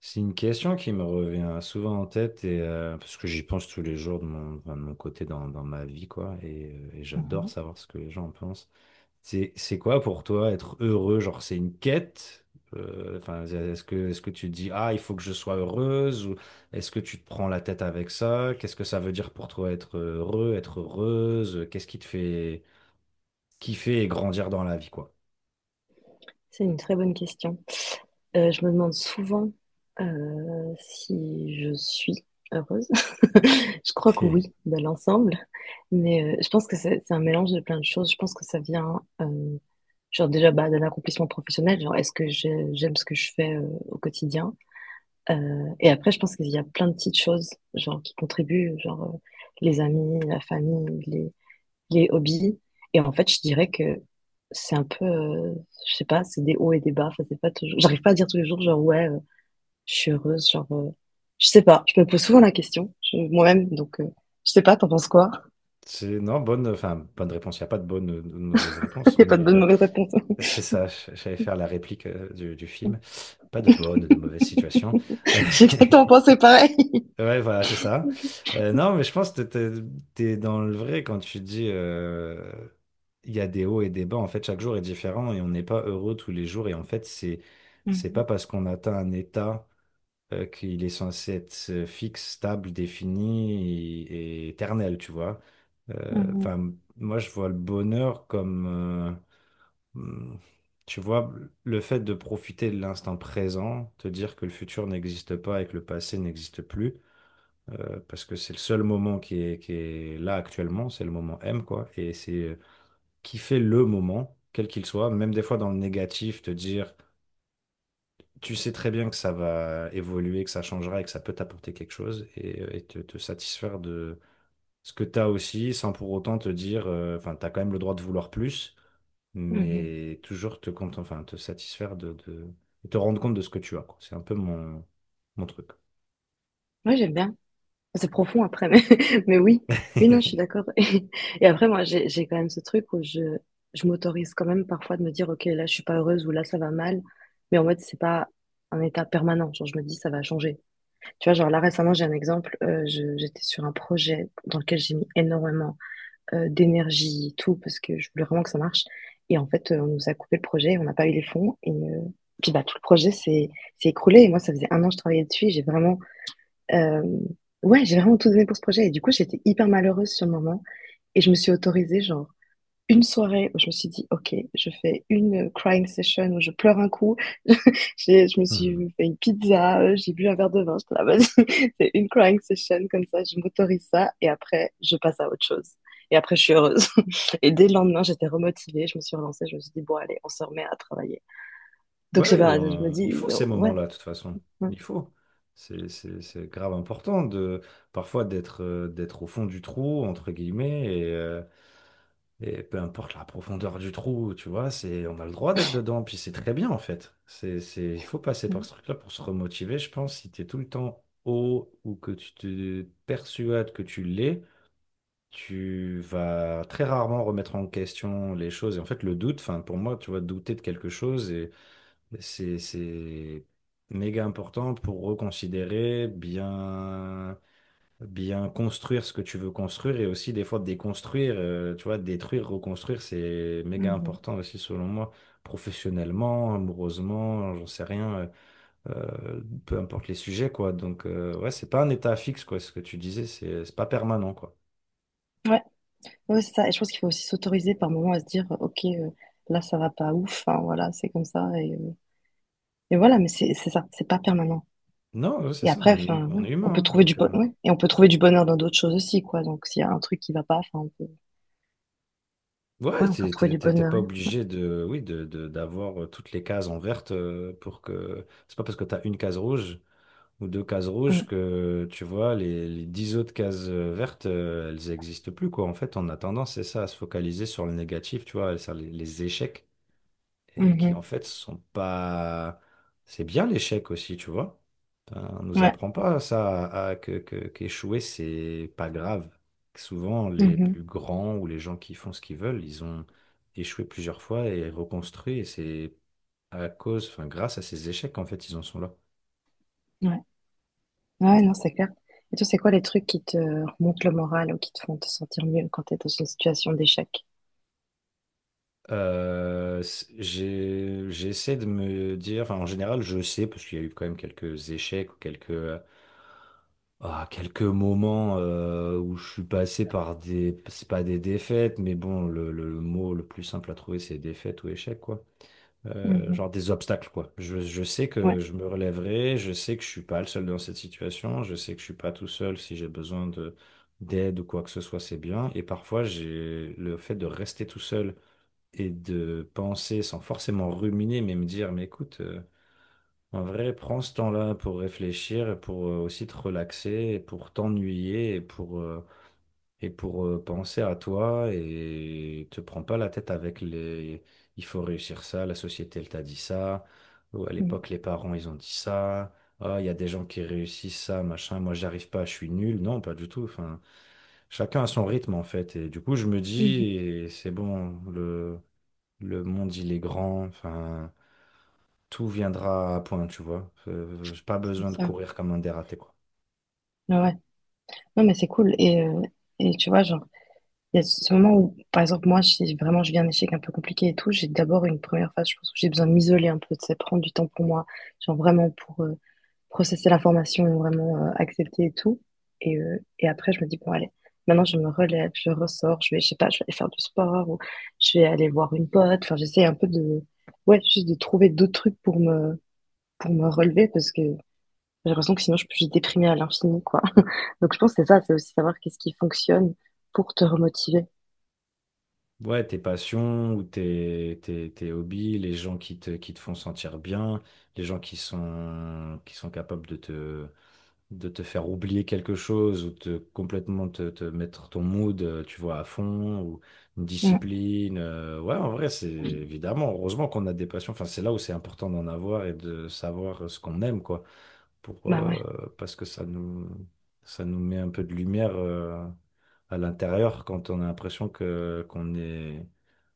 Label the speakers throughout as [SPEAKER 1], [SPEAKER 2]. [SPEAKER 1] C'est une question qui me revient souvent en tête et parce que j'y pense tous les jours de mon, enfin de mon côté dans ma vie quoi et et j'adore
[SPEAKER 2] Mhm.
[SPEAKER 1] savoir ce que les gens en pensent. C'est quoi pour toi être heureux? Genre, c'est une quête? Enfin est-ce que tu te dis, ah il faut que je sois heureuse, ou est-ce que tu te prends la tête avec ça? Qu'est-ce que ça veut dire pour toi être heureux, être heureuse? Qu'est-ce qui te fait kiffer et grandir dans la vie quoi?
[SPEAKER 2] C'est une très bonne question. Je me demande souvent si je suis heureuse. Je crois que oui, de l'ensemble. Mais je pense que c'est un mélange de plein de choses. Je pense que ça vient, genre déjà bah, d'un accomplissement professionnel. Genre, est-ce que j'aime ce que je fais au quotidien? Et après, je pense qu'il y a plein de petites choses, genre qui contribuent, genre les amis, la famille, les hobbies. Et en fait, je dirais que c'est un peu, je sais pas, c'est des hauts et des bas. Enfin, c'est pas toujours, j'arrive pas à dire tous les jours, genre, ouais, je suis heureuse, genre, je sais pas. Je me pose souvent la question, moi-même, donc, je sais pas, t'en penses quoi?
[SPEAKER 1] C'est non bonne enfin bonne réponse. Il n'y a pas de bonne ou de mauvaise
[SPEAKER 2] Il
[SPEAKER 1] réponse
[SPEAKER 2] n'y a pas de
[SPEAKER 1] mais
[SPEAKER 2] bonne mauvaise réponse.
[SPEAKER 1] c'est ça, j'allais faire la réplique du film. Pas de bonne ou de mauvaise situation.
[SPEAKER 2] J'ai exactement pensé pareil.
[SPEAKER 1] Ouais, voilà, c'est ça. Non, mais je pense que t'es dans le vrai quand tu dis il y a des hauts et des bas. En fait, chaque jour est différent et on n'est pas heureux tous les jours. Et en fait, c'est pas
[SPEAKER 2] Mhm.
[SPEAKER 1] parce qu'on atteint un état qu'il est censé être fixe, stable, défini et éternel, tu vois. Euh,
[SPEAKER 2] Mhm.
[SPEAKER 1] Enfin, moi, je vois le bonheur comme. Hmm. Tu vois, le fait de profiter de l'instant présent, te dire que le futur n'existe pas et que le passé n'existe plus, parce que c'est le seul moment qui est là actuellement, c'est le moment M, quoi, et c'est kiffer le moment, quel qu'il soit, même des fois dans le négatif, te dire, tu sais très bien que ça va évoluer, que ça changera et que ça peut t'apporter quelque chose, et te satisfaire de ce que tu as aussi, sans pour autant te dire, enfin, tu as quand même le droit de vouloir plus,
[SPEAKER 2] Mhm.
[SPEAKER 1] mais toujours te satisfaire de te rendre compte de ce que tu as, quoi. C'est un peu mon truc.
[SPEAKER 2] Moi, j'aime bien. C'est profond après, mais mais oui. Oui, non, je suis d'accord, et après moi, j'ai quand même ce truc où je m'autorise quand même parfois de me dire: «OK, là, je suis pas heureuse» ou «Là, ça va mal», mais en mode, c'est pas un état permanent. Genre, je me dis: «Ça va changer». Tu vois? Genre, là, récemment, j'ai un exemple, je j'étais sur un projet dans lequel j'ai mis énormément, d'énergie et tout parce que je voulais vraiment que ça marche et en fait, on nous a coupé le projet, on n'a pas eu les fonds et puis, bah, tout le projet s'est écroulé et moi, ça faisait 1 an que je travaillais dessus et j'ai vraiment euh, ouais, j'ai vraiment tout donné pour ce projet. Et du coup, j'étais hyper malheureuse sur le moment. Et je me suis autorisée, genre, une soirée où je me suis dit, OK, je fais une crying session où je pleure un coup. Je me
[SPEAKER 1] Hmm.
[SPEAKER 2] suis fait une pizza, j'ai bu un verre de vin. J'étais là, vas-y, c'est une crying session comme ça. Je m'autorise ça. Et après, je passe à autre chose. Et après, je suis heureuse. Et dès le lendemain, j'étais remotivée. Je me suis relancée. Je me suis dit, bon, allez, on se remet à travailler. Donc, je sais
[SPEAKER 1] Ouais,
[SPEAKER 2] pas, je me
[SPEAKER 1] il
[SPEAKER 2] dis,
[SPEAKER 1] faut ces
[SPEAKER 2] oh, ouais.
[SPEAKER 1] moments-là, de toute façon.
[SPEAKER 2] Ouais,
[SPEAKER 1] Il faut. C'est grave important de parfois d'être au fond du trou, entre guillemets, et et peu importe la profondeur du trou, tu vois, c'est on a le droit d'être dedans, puis c'est très bien en fait. Il faut passer par
[SPEAKER 2] ouais.
[SPEAKER 1] ce truc-là pour se remotiver, je pense, si tu es tout le temps haut ou que tu te persuades que tu l'es. Tu vas très rarement remettre en question les choses. Et en fait, le doute, enfin, pour moi, tu vois, douter de quelque chose, et c'est méga important pour reconsidérer, bien construire ce que tu veux construire et aussi des fois déconstruire, tu vois, détruire, reconstruire, c'est méga
[SPEAKER 2] Mhm.
[SPEAKER 1] important aussi selon moi, professionnellement, amoureusement, j'en sais rien, euh, peu importe les sujets, quoi. Donc, ouais, c'est pas un état fixe, quoi, ce que tu disais, c'est pas permanent, quoi.
[SPEAKER 2] Ouais. Ouais, c'est ça. Et je pense qu'il faut aussi s'autoriser par moment à se dire, OK, là, ça va pas ouf. Enfin, voilà, c'est comme ça. Et voilà, mais c'est ça, c'est pas permanent.
[SPEAKER 1] Non, ouais, c'est
[SPEAKER 2] Et
[SPEAKER 1] ça,
[SPEAKER 2] après, enfin, ouais,
[SPEAKER 1] on est
[SPEAKER 2] on peut
[SPEAKER 1] humain, hein,
[SPEAKER 2] trouver
[SPEAKER 1] donc,
[SPEAKER 2] ouais. Et on peut trouver du bonheur dans d'autres choses aussi, quoi. Donc, s'il y a un truc qui va pas, enfin, on peut...
[SPEAKER 1] ouais,
[SPEAKER 2] Ouais, on peut retrouver du
[SPEAKER 1] t'es
[SPEAKER 2] bonheur.
[SPEAKER 1] pas
[SPEAKER 2] Ouais.
[SPEAKER 1] obligé de, oui, de- d'avoir toutes les cases en verte pour que. C'est pas parce que t'as une case rouge ou deux cases rouges
[SPEAKER 2] Mm.
[SPEAKER 1] que, tu vois, les dix autres cases vertes, elles existent plus, quoi. En fait, on a tendance, c'est ça, à se focaliser sur le négatif, tu vois, sur les échecs, et qui en
[SPEAKER 2] Mhm.
[SPEAKER 1] fait sont pas... C'est bien l'échec aussi, tu vois. Ben, on nous
[SPEAKER 2] Ouais.
[SPEAKER 1] apprend pas ça, qu'échouer, c'est pas grave. Souvent, les plus
[SPEAKER 2] Mhm.
[SPEAKER 1] grands ou les gens qui font ce qu'ils veulent, ils ont échoué plusieurs fois et reconstruit, et c'est à cause, enfin grâce à ces échecs qu'en fait ils en sont là.
[SPEAKER 2] Ouais. Ouais, non, c'est clair. Et toi, c'est quoi les trucs qui te remontent le moral ou qui te font te sentir mieux quand tu es dans une situation d'échec?
[SPEAKER 1] J'essaie de me dire, enfin en général je sais, parce qu'il y a eu quand même quelques échecs ou quelques, ah, quelques moments où je suis passé par des... C'est pas des défaites, mais bon, le mot le plus simple à trouver, c'est défaite ou échec, quoi.
[SPEAKER 2] Mhm.
[SPEAKER 1] Genre des obstacles, quoi. Je sais que
[SPEAKER 2] Ouais.
[SPEAKER 1] je me relèverai, je sais que je suis pas le seul dans cette situation, je sais que je suis pas tout seul si j'ai besoin de d'aide ou quoi que ce soit, c'est bien. Et parfois, j'ai le fait de rester tout seul et de penser sans forcément ruminer, mais me dire, mais écoute... en vrai, prends ce temps-là pour réfléchir et pour aussi te relaxer et pour t'ennuyer et pour penser à toi et te prends pas la tête avec les, il faut réussir ça, la société elle t'a dit ça, ou à
[SPEAKER 2] Mhm.
[SPEAKER 1] l'époque les parents ils ont dit ça, ah il y a des gens qui réussissent ça, machin, moi j'arrive pas, je suis nul. Non, pas du tout. Enfin, chacun a son rythme en fait. Et du coup, je me
[SPEAKER 2] Mhm.
[SPEAKER 1] dis, et c'est bon, le monde il est grand, enfin tout viendra à point, tu vois. J'ai pas
[SPEAKER 2] C'est
[SPEAKER 1] besoin de
[SPEAKER 2] ça.
[SPEAKER 1] courir comme un dératé, quoi.
[SPEAKER 2] Ouais. Ouais. Non, mais c'est cool. Et tu vois, genre, il y a ce moment où, par exemple, moi, si vraiment je viens un échec un peu compliqué et tout, j'ai d'abord une première phase, je pense, où j'ai besoin de m'isoler un peu, de ça prendre du temps pour moi, genre vraiment pour processer l'information, vraiment accepter et tout. Et après, je me dis, bon, allez, maintenant je me relève, je ressors, je vais, je sais pas, je vais aller faire du sport ou je vais aller voir une pote. Enfin, j'essaie un peu de, ouais, juste de trouver d'autres trucs pour me, relever parce que j'ai l'impression que sinon je peux juste déprimer à l'infini, quoi. Donc, je pense que c'est ça, c'est aussi savoir qu'est-ce qui fonctionne pour te remotiver.
[SPEAKER 1] Ouais, tes passions ou tes hobbies, les gens qui te font sentir bien, les gens qui sont capables de te faire oublier quelque chose ou te complètement te mettre ton mood, tu vois, à fond, ou une discipline. Ouais, en vrai, c'est évidemment, heureusement qu'on a des passions. Enfin, c'est là où c'est important d'en avoir et de savoir ce qu'on aime, quoi, pour,
[SPEAKER 2] Bah ouais.
[SPEAKER 1] parce que ça nous met un peu de lumière à l'intérieur quand on a l'impression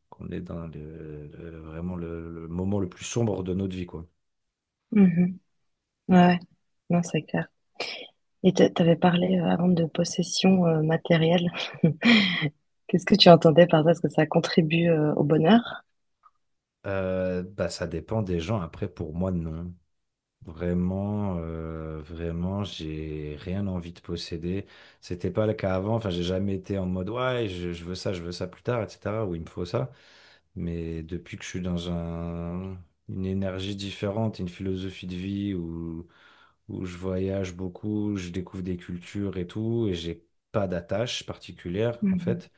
[SPEAKER 1] qu'on est dans vraiment le moment le plus sombre de notre vie, quoi.
[SPEAKER 2] Mhm. Ouais, ouais. Non, c'est clair. Et t'avais parlé avant de possession matérielle. Qu'est-ce que tu entendais par ça? Est-ce que ça contribue au bonheur?
[SPEAKER 1] Bah, ça dépend des gens. Après, pour moi, non. Vraiment, vraiment, j'ai rien envie de posséder. C'était pas le cas avant. Enfin, j'ai jamais été en mode, ouais, je veux ça plus tard, etc. Ou il me faut ça. Mais depuis que je suis dans une énergie différente, une philosophie de vie où je voyage beaucoup, je découvre des cultures et tout, et j'ai pas d'attache particulière, en
[SPEAKER 2] Mhm.
[SPEAKER 1] fait,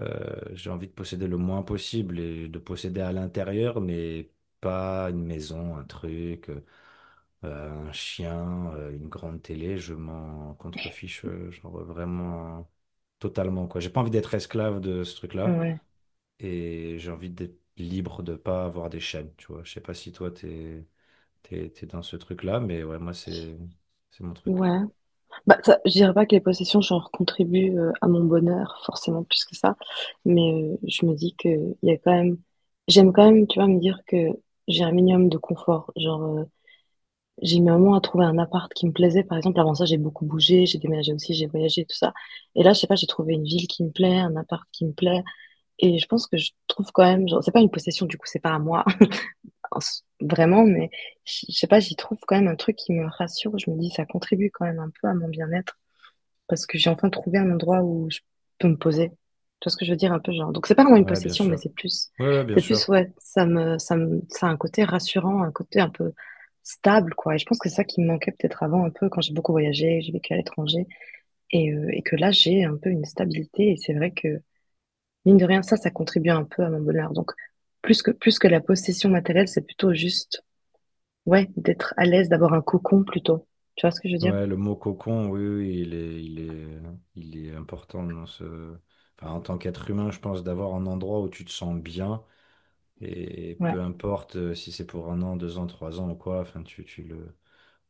[SPEAKER 1] j'ai envie de posséder le moins possible et de posséder à l'intérieur, mais pas une maison, un truc, un chien, une grande télé, je m'en contrefiche, genre vraiment totalement, quoi. J'ai pas envie d'être esclave de ce truc-là
[SPEAKER 2] Ouais.
[SPEAKER 1] et j'ai envie d'être libre de pas avoir des chaînes, tu vois. Je sais pas si toi t'es dans ce truc-là, mais ouais, moi c'est mon truc.
[SPEAKER 2] Ouais. Bah, ça, je dirais pas que les possessions, genre, contribuent à mon bonheur, forcément, plus que ça. Mais je me dis que il y a quand même, j'aime quand même, tu vois, me dire que j'ai un minimum de confort. Genre, j'ai mis un moment à trouver un appart qui me plaisait. Par exemple, avant ça, j'ai beaucoup bougé, j'ai déménagé aussi, j'ai voyagé, tout ça. Et là, je sais pas, j'ai trouvé une ville qui me plaît, un appart qui me plaît. Et je pense que je trouve quand même, genre, c'est pas une possession, du coup, c'est pas à moi, vraiment, mais je sais pas, j'y trouve quand même un truc qui me rassure. Je me dis, ça contribue quand même un peu à mon bien-être parce que j'ai enfin trouvé un endroit où je peux me poser. Tu vois ce que je veux dire un peu genre. Donc c'est pas vraiment une
[SPEAKER 1] Ouais, bien
[SPEAKER 2] possession, mais
[SPEAKER 1] sûr. Ouais, ouais, bien
[SPEAKER 2] c'est plus
[SPEAKER 1] sûr.
[SPEAKER 2] ouais, ça a un côté rassurant, un côté un peu stable quoi. Et je pense que c'est ça qui me manquait peut-être avant un peu quand j'ai beaucoup voyagé, j'ai vécu à l'étranger et que là j'ai un peu une stabilité et c'est vrai que mine de rien ça, ça contribue un peu à mon bonheur. Donc plus que la possession matérielle, c'est plutôt juste ouais d'être à l'aise, d'avoir un cocon plutôt. Tu vois ce que je veux dire?
[SPEAKER 1] Ouais, le mot cocon, oui, oui, il est important dans ce, enfin, en tant qu'être humain, je pense d'avoir un endroit où tu te sens bien et
[SPEAKER 2] Ouais.
[SPEAKER 1] peu importe si c'est pour un an, deux ans, trois ans ou quoi, enfin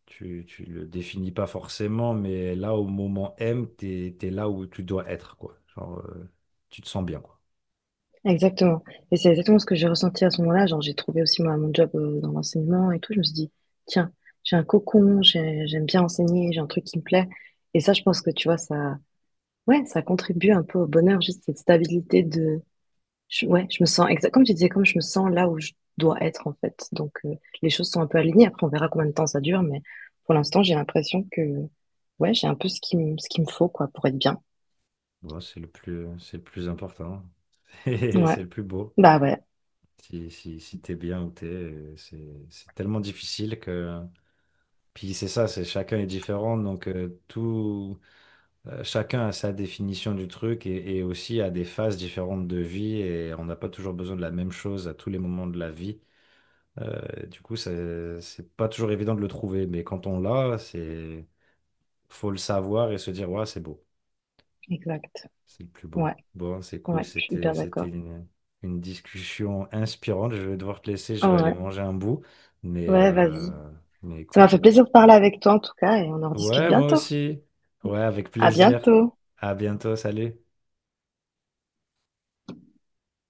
[SPEAKER 1] tu tu le définis pas forcément, mais là, au moment M, t'es là où tu dois être, quoi. Genre, tu te sens bien, quoi.
[SPEAKER 2] Exactement. Et c'est exactement ce que j'ai ressenti à ce moment-là. Genre, j'ai trouvé aussi moi mon job dans l'enseignement et tout. Je me suis dit, tiens, j'ai un cocon, j'aime bien enseigner, j'ai un truc qui me plaît. Et ça, je pense que tu vois, ça, ouais, ça contribue un peu au bonheur, juste cette stabilité de, ouais, je me sens exact, comme tu disais, comme je me sens là où je dois être en fait. Donc, les choses sont un peu alignées. Après, on verra combien de temps ça dure, mais pour l'instant, j'ai l'impression que, ouais, j'ai un peu ce qu'il me faut quoi pour être bien.
[SPEAKER 1] Bon, c'est le plus important. Et
[SPEAKER 2] Ouais,
[SPEAKER 1] c'est le plus beau.
[SPEAKER 2] bah ouais,
[SPEAKER 1] Si, si, si t'es bien où t'es, c'est tellement difficile que... Puis c'est ça, c'est chacun est différent, donc tout, chacun a sa définition du truc et aussi a des phases différentes de vie et on n'a pas toujours besoin de la même chose à tous les moments de la vie. Du coup, c'est pas toujours évident de le trouver, mais quand on l'a, c'est faut le savoir et se dire, ouais, c'est beau,
[SPEAKER 2] exact.
[SPEAKER 1] c'est le plus beau.
[SPEAKER 2] Ouais,
[SPEAKER 1] Bon, c'est cool,
[SPEAKER 2] ouais, je suis
[SPEAKER 1] c'était
[SPEAKER 2] hyper
[SPEAKER 1] c'était
[SPEAKER 2] d'accord.
[SPEAKER 1] une discussion inspirante. Je vais devoir te laisser, je vais aller
[SPEAKER 2] Ouais.
[SPEAKER 1] manger un bout, mais
[SPEAKER 2] Ouais, vas-y. Ça m'a
[SPEAKER 1] écoute,
[SPEAKER 2] fait plaisir de parler avec toi en tout cas et on en rediscute
[SPEAKER 1] ouais, moi
[SPEAKER 2] bientôt.
[SPEAKER 1] aussi, ouais, avec
[SPEAKER 2] À
[SPEAKER 1] plaisir.
[SPEAKER 2] bientôt.
[SPEAKER 1] À bientôt, salut.